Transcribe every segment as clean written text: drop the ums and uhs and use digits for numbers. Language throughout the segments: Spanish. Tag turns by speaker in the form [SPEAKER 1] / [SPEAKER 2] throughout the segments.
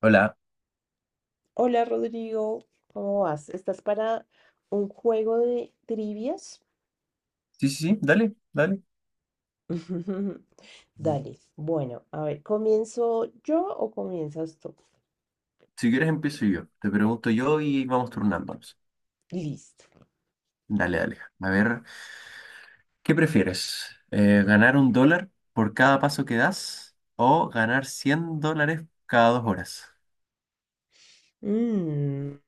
[SPEAKER 1] Hola.
[SPEAKER 2] Hola Rodrigo, ¿cómo vas? ¿Estás para un juego de trivias?
[SPEAKER 1] Sí, sí, sí, dale, dale.
[SPEAKER 2] Dale, bueno, a ver, ¿comienzo yo o comienzas tú?
[SPEAKER 1] Si quieres empiezo yo. Te pregunto yo y vamos turnándonos.
[SPEAKER 2] Listo.
[SPEAKER 1] Dale, dale. A ver, ¿qué prefieres? ¿ganar un dólar por cada paso que das o ganar $100 cada 2 horas?
[SPEAKER 2] Mm,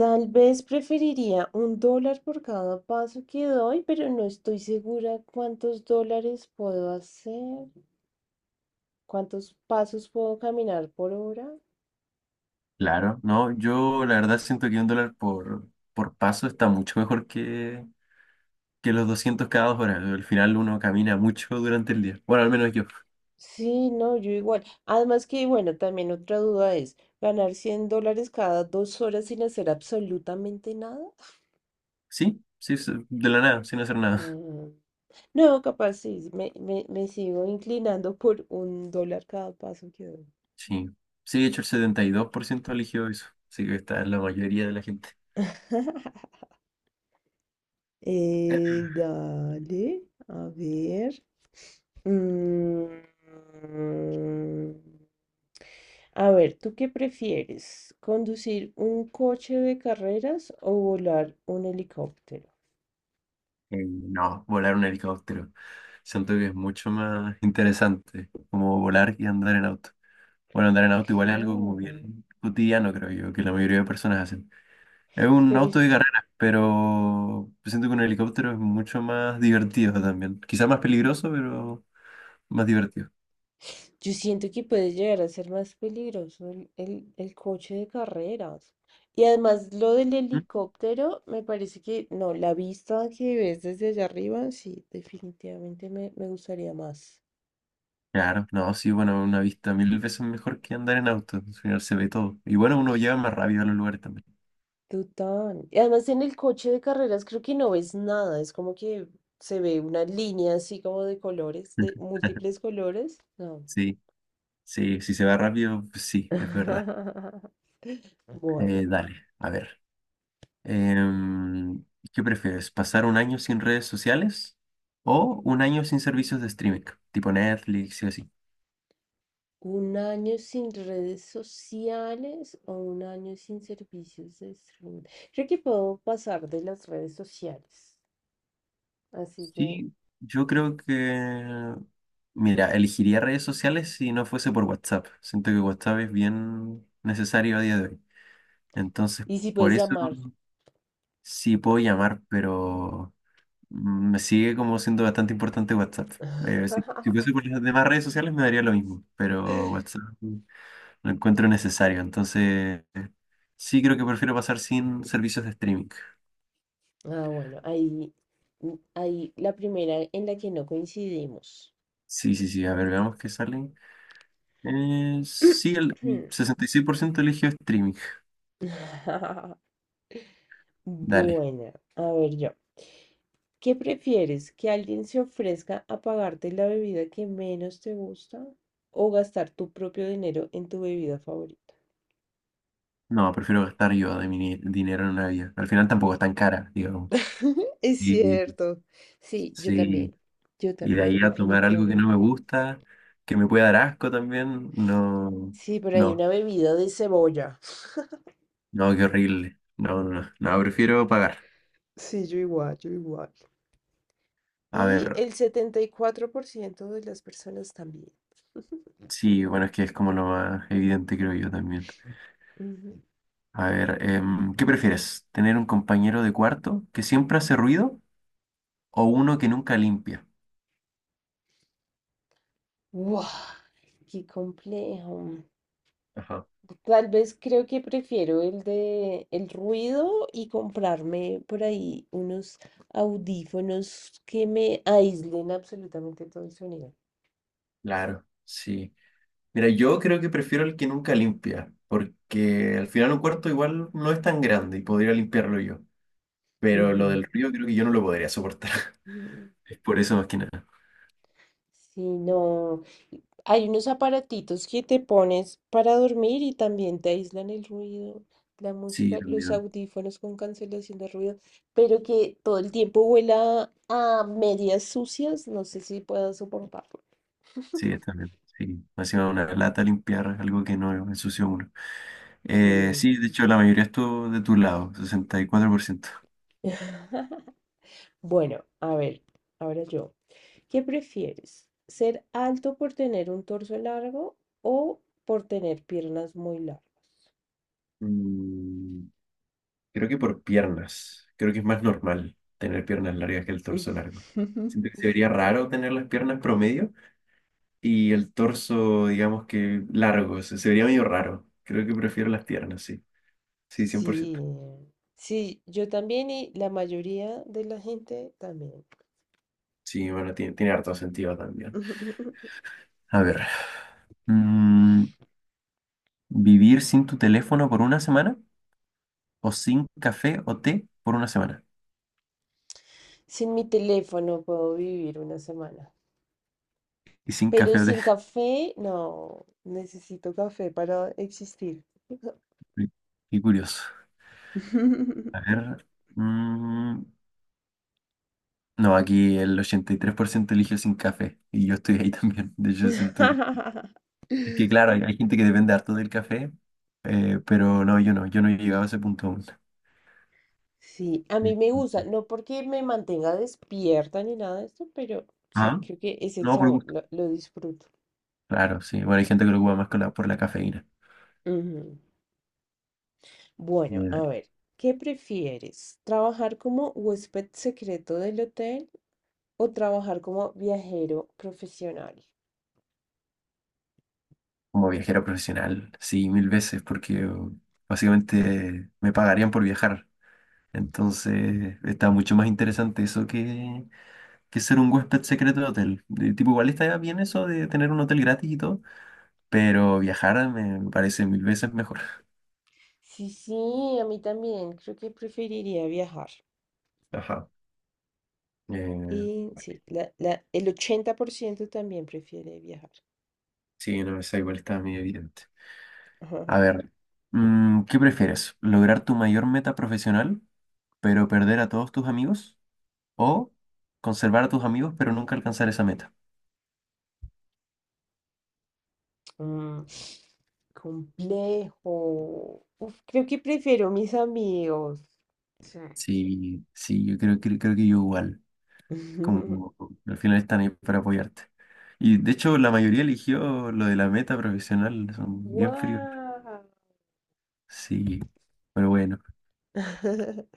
[SPEAKER 2] Tal vez preferiría $1 por cada paso que doy, pero no estoy segura cuántos dólares puedo hacer, cuántos pasos puedo caminar por hora.
[SPEAKER 1] Claro, no, yo la verdad siento que un dólar por paso está mucho mejor que los 200 cada 2 horas. Al final uno camina mucho durante el día. Bueno, al menos yo.
[SPEAKER 2] Sí, no, yo igual. Además que, bueno, también otra duda es, ¿ganar $100 cada 2 horas sin hacer absolutamente nada?
[SPEAKER 1] Sí, sí, sí, de la nada, sin hacer nada.
[SPEAKER 2] Mm, No, capaz sí, me sigo inclinando por $1 cada paso que doy.
[SPEAKER 1] Sí, sí, de hecho el 72% eligió eso, así que está la mayoría de la gente.
[SPEAKER 2] Dale, a ver. Mm, A ver, ¿tú qué prefieres? ¿Conducir un coche de carreras o volar un helicóptero?
[SPEAKER 1] No, volar un helicóptero. Siento que es mucho más interesante como volar y andar en auto. Bueno, andar en auto igual es algo como
[SPEAKER 2] Claro,
[SPEAKER 1] bien cotidiano, creo yo, que la mayoría de personas hacen. Es un
[SPEAKER 2] pero
[SPEAKER 1] auto de carrera, pero siento que un helicóptero es mucho más divertido también. Quizá más peligroso, pero más divertido.
[SPEAKER 2] yo siento que puede llegar a ser más peligroso el coche de carreras. Y además lo del
[SPEAKER 1] ¿Mm?
[SPEAKER 2] helicóptero, me parece que no, la vista que ves desde allá arriba, sí, definitivamente me gustaría más.
[SPEAKER 1] Claro, no, sí, bueno, una vista mil veces mejor que andar en auto. Al final se ve todo. Y bueno, uno llega más rápido a los lugares también.
[SPEAKER 2] Total. Y además en el coche de carreras creo que no ves nada, es como que se ve una línea así como de colores, de múltiples colores. No.
[SPEAKER 1] Sí, sí, si se va rápido, pues sí, es verdad.
[SPEAKER 2] Bueno.
[SPEAKER 1] Dale, a ver. Em, ¿Qué prefieres? ¿Pasar 1 año sin redes sociales o 1 año sin servicios de streaming, tipo Netflix y así?
[SPEAKER 2] ¿Un año sin redes sociales o un año sin servicios de streaming? Creo que puedo pasar de las redes sociales. Así que...
[SPEAKER 1] Sí, yo creo mira, elegiría redes sociales si no fuese por WhatsApp. Siento que WhatsApp es bien necesario a día de hoy. Entonces,
[SPEAKER 2] Y si
[SPEAKER 1] por
[SPEAKER 2] puedes
[SPEAKER 1] eso
[SPEAKER 2] llamar.
[SPEAKER 1] sí puedo llamar, pero me sigue como siendo bastante importante WhatsApp. Si, si fuese por las demás redes sociales me daría lo mismo, pero WhatsApp lo encuentro necesario. Entonces, sí creo que prefiero pasar sin servicios de streaming.
[SPEAKER 2] Ah, bueno, ahí, ahí la primera en la que no coincidimos.
[SPEAKER 1] Sí, sí, sí. A ver, veamos qué salen. Sí, el 66% eligió streaming. Dale.
[SPEAKER 2] Bueno, a ver yo. ¿Qué prefieres? ¿Que alguien se ofrezca a pagarte la bebida que menos te gusta o gastar tu propio dinero en tu bebida favorita?
[SPEAKER 1] No, prefiero gastar yo de mi dinero en una vida. Al final tampoco es tan cara, digamos.
[SPEAKER 2] Es
[SPEAKER 1] Y
[SPEAKER 2] cierto. Sí, yo
[SPEAKER 1] sí,
[SPEAKER 2] también. Yo
[SPEAKER 1] y de
[SPEAKER 2] también,
[SPEAKER 1] ahí a tomar algo que no me
[SPEAKER 2] definitivamente.
[SPEAKER 1] gusta, que me pueda dar asco también, no,
[SPEAKER 2] Sí, pero hay
[SPEAKER 1] no,
[SPEAKER 2] una bebida de cebolla.
[SPEAKER 1] no, qué horrible. No, no, no, no, prefiero pagar.
[SPEAKER 2] Sí, yo igual, yo igual.
[SPEAKER 1] A
[SPEAKER 2] Y
[SPEAKER 1] ver,
[SPEAKER 2] el 74% de las personas también.
[SPEAKER 1] sí, bueno, es que es como lo más evidente, creo yo también.
[SPEAKER 2] Ujú.
[SPEAKER 1] A ver, ¿qué prefieres? ¿Tener un compañero de cuarto que siempre hace ruido o uno que nunca limpia?
[SPEAKER 2] ¡Guau! ¡Qué complejo!
[SPEAKER 1] Ajá,
[SPEAKER 2] Tal vez creo que prefiero el de el ruido y comprarme por ahí unos audífonos que me aíslen absolutamente todo el sonido.
[SPEAKER 1] claro, sí. Mira, yo creo que prefiero el que nunca limpia, porque al final un cuarto igual no es tan grande y podría limpiarlo yo. Pero lo
[SPEAKER 2] Ujú.
[SPEAKER 1] del ruido creo que yo no lo podría soportar.
[SPEAKER 2] Mm.
[SPEAKER 1] Es por eso más que nada.
[SPEAKER 2] Sí, no. Y hay unos aparatitos que te pones para dormir y también te aíslan el ruido, la
[SPEAKER 1] Sí,
[SPEAKER 2] música, los
[SPEAKER 1] también.
[SPEAKER 2] audífonos con cancelación de ruido, pero que todo el tiempo huela a medias sucias. No sé si puedo soportarlo.
[SPEAKER 1] Sí, también. Sí. Más encima una lata limpiar algo que no ensució uno.
[SPEAKER 2] Sí.
[SPEAKER 1] Sí, de hecho, la mayoría estuvo de tu lado, 64%.
[SPEAKER 2] Bueno, a ver, ahora yo. ¿Qué prefieres? ¿Ser alto por tener un torso largo o por tener piernas muy largas?
[SPEAKER 1] Mm, creo que por piernas. Creo que es más normal tener piernas largas que el torso largo. Siento que se vería raro tener las piernas promedio y el torso, digamos que largo. Se vería medio raro. Creo que prefiero las piernas, sí. Sí, cien por
[SPEAKER 2] Sí,
[SPEAKER 1] ciento
[SPEAKER 2] sí, yo también y la mayoría de la gente también.
[SPEAKER 1] Sí, bueno, tiene, tiene harto sentido también. A ver. mm, ¿Vivir sin tu teléfono por 1 semana o sin café o té por 1 semana?
[SPEAKER 2] Sin mi teléfono puedo vivir una semana,
[SPEAKER 1] Y sin
[SPEAKER 2] pero
[SPEAKER 1] café o té.
[SPEAKER 2] sin café, no, necesito café para existir.
[SPEAKER 1] Qué curioso. A ver. mm, no, aquí el 83% eligió sin café y yo estoy ahí también. De hecho, siento que... Es que claro, hay gente que depende harto del café, pero no, yo no, yo no he llegado a ese punto aún.
[SPEAKER 2] Sí, a mí me gusta, no porque me mantenga despierta ni nada de esto, pero sí,
[SPEAKER 1] Ajá.
[SPEAKER 2] creo que es el
[SPEAKER 1] No, por
[SPEAKER 2] sabor,
[SPEAKER 1] gusto.
[SPEAKER 2] lo disfruto.
[SPEAKER 1] Claro, sí. Bueno, hay gente que lo ocupa más con por la cafeína.
[SPEAKER 2] Ujú. Bueno, a ver, ¿qué prefieres? ¿Trabajar como huésped secreto del hotel o trabajar como viajero profesional?
[SPEAKER 1] Como viajero profesional, sí, mil veces, porque básicamente me pagarían por viajar. Entonces está mucho más interesante eso que ser un huésped secreto de hotel. De tipo, igual está bien eso de tener un hotel gratis y todo, pero viajar me parece mil veces mejor.
[SPEAKER 2] Sí, sí, a mí también. Creo que preferiría viajar.
[SPEAKER 1] Ajá. Eh,
[SPEAKER 2] Y sí, el 80% también prefiere viajar.
[SPEAKER 1] sí, no, esa igual está muy evidente.
[SPEAKER 2] Ajá.
[SPEAKER 1] A ver, ¿qué prefieres? ¿Lograr tu mayor meta profesional, pero perder a todos tus amigos? ¿O conservar a tus amigos, pero nunca alcanzar esa meta?
[SPEAKER 2] Mm, Complejo. Uf, creo que prefiero mis amigos. Sí.
[SPEAKER 1] Sí, sí, yo creo que yo igual. Como al final están ahí para apoyarte. Y de hecho, la mayoría eligió lo de la meta profesional, son bien fríos.
[SPEAKER 2] ¡Wow!
[SPEAKER 1] Sí, pero bueno,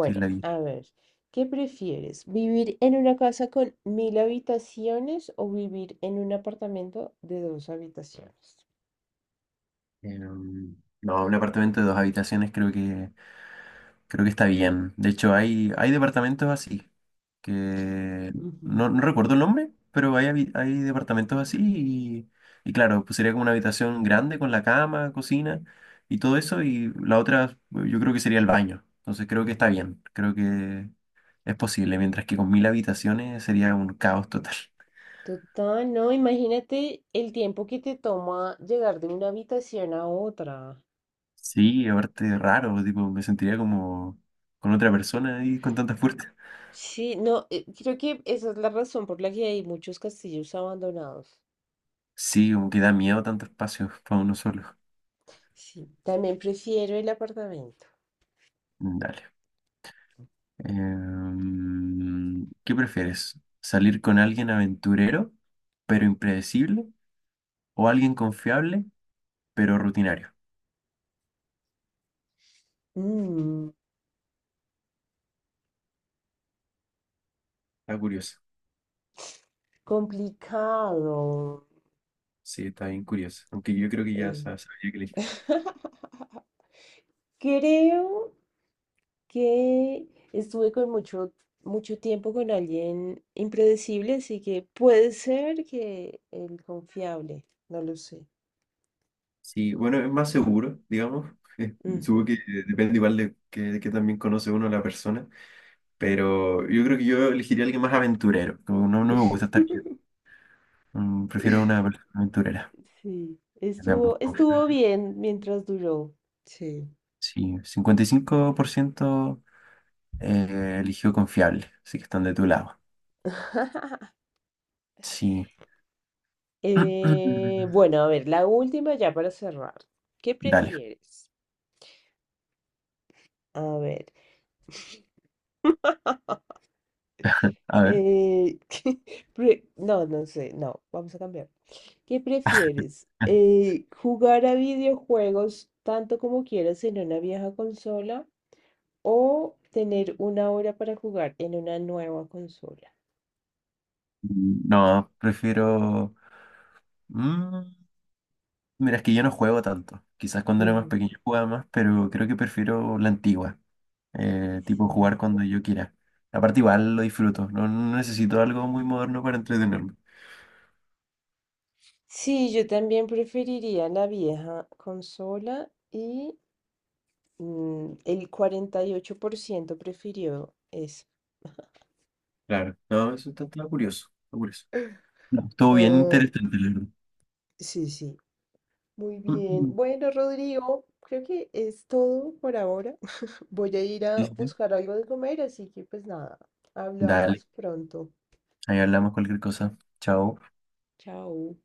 [SPEAKER 1] sí es la vida.
[SPEAKER 2] a ver, ¿qué prefieres? ¿Vivir en una casa con 1.000 habitaciones o vivir en un apartamento de dos habitaciones?
[SPEAKER 1] Em, no, un apartamento de 2 habitaciones creo que creo que está bien. De hecho, hay departamentos así, que
[SPEAKER 2] Ujú.
[SPEAKER 1] no, no recuerdo el nombre, pero hay departamentos así y claro, pues sería como una habitación grande con la cama, cocina y todo eso y la otra yo creo que sería el baño. Entonces creo que está bien, creo que es posible, mientras que con 1000 habitaciones sería un caos total.
[SPEAKER 2] Total, no, imagínate el tiempo que te toma llegar de una habitación a otra.
[SPEAKER 1] Sí, aparte raro, tipo, me sentiría como con otra persona ahí con tantas puertas.
[SPEAKER 2] Sí, no, creo que esa es la razón por la que hay muchos castillos abandonados.
[SPEAKER 1] Sí, como que da miedo tanto espacio para uno solo.
[SPEAKER 2] Sí, también prefiero el apartamento.
[SPEAKER 1] Dale. ¿Qué prefieres? ¿Salir con alguien aventurero, pero impredecible? ¿O alguien confiable, pero rutinario?
[SPEAKER 2] Mm,
[SPEAKER 1] Está curioso.
[SPEAKER 2] Complicado.
[SPEAKER 1] Sí, está bien curioso. Aunque yo creo que ya
[SPEAKER 2] eh.
[SPEAKER 1] sabía que elegir.
[SPEAKER 2] Creo que estuve con mucho, mucho tiempo con alguien impredecible, así que puede ser que el confiable, no lo sé.
[SPEAKER 1] Sí, bueno, es más seguro, digamos. Supongo
[SPEAKER 2] Ujú.
[SPEAKER 1] que depende igual de que también conoce uno a la persona. Pero yo creo que yo elegiría a alguien más aventurero. Como no, no me gusta estar quieto. Mm, prefiero una persona aventurera.
[SPEAKER 2] Sí,
[SPEAKER 1] Veamos.
[SPEAKER 2] estuvo bien mientras duró. Sí.
[SPEAKER 1] Sí, 55% eligió confiable, así que están de tu lado. Sí.
[SPEAKER 2] Bueno, a ver, la última ya para cerrar. ¿Qué
[SPEAKER 1] Dale,
[SPEAKER 2] prefieres? A ver.
[SPEAKER 1] a ver.
[SPEAKER 2] Eh, no, no sé, no, vamos a cambiar. ¿Qué prefieres? ¿Jugar a videojuegos tanto como quieras en una vieja consola o tener una hora para jugar en una nueva consola?
[SPEAKER 1] No, prefiero... mm, mira, es que yo no juego tanto. Quizás cuando era más
[SPEAKER 2] Ujú.
[SPEAKER 1] pequeño jugaba más, pero creo que prefiero la antigua. Tipo jugar
[SPEAKER 2] Sí.
[SPEAKER 1] cuando yo quiera. Aparte igual lo disfruto. No, no necesito algo muy moderno para entretenerme.
[SPEAKER 2] Sí, yo también preferiría la vieja consola y el 48% prefirió eso.
[SPEAKER 1] Claro. No, está curioso. Está curioso. No, estuvo bien
[SPEAKER 2] Ah,
[SPEAKER 1] interesante, la verdad.
[SPEAKER 2] sí, sí. Muy
[SPEAKER 1] Mm,
[SPEAKER 2] bien.
[SPEAKER 1] mm.
[SPEAKER 2] Bueno, Rodrigo, creo que es todo por ahora. Voy a ir
[SPEAKER 1] Sí,
[SPEAKER 2] a
[SPEAKER 1] sí. sí.
[SPEAKER 2] buscar algo de comer, así que pues nada,
[SPEAKER 1] Dale,
[SPEAKER 2] hablamos pronto.
[SPEAKER 1] ahí hablamos cualquier cosa. Chao.
[SPEAKER 2] Chao.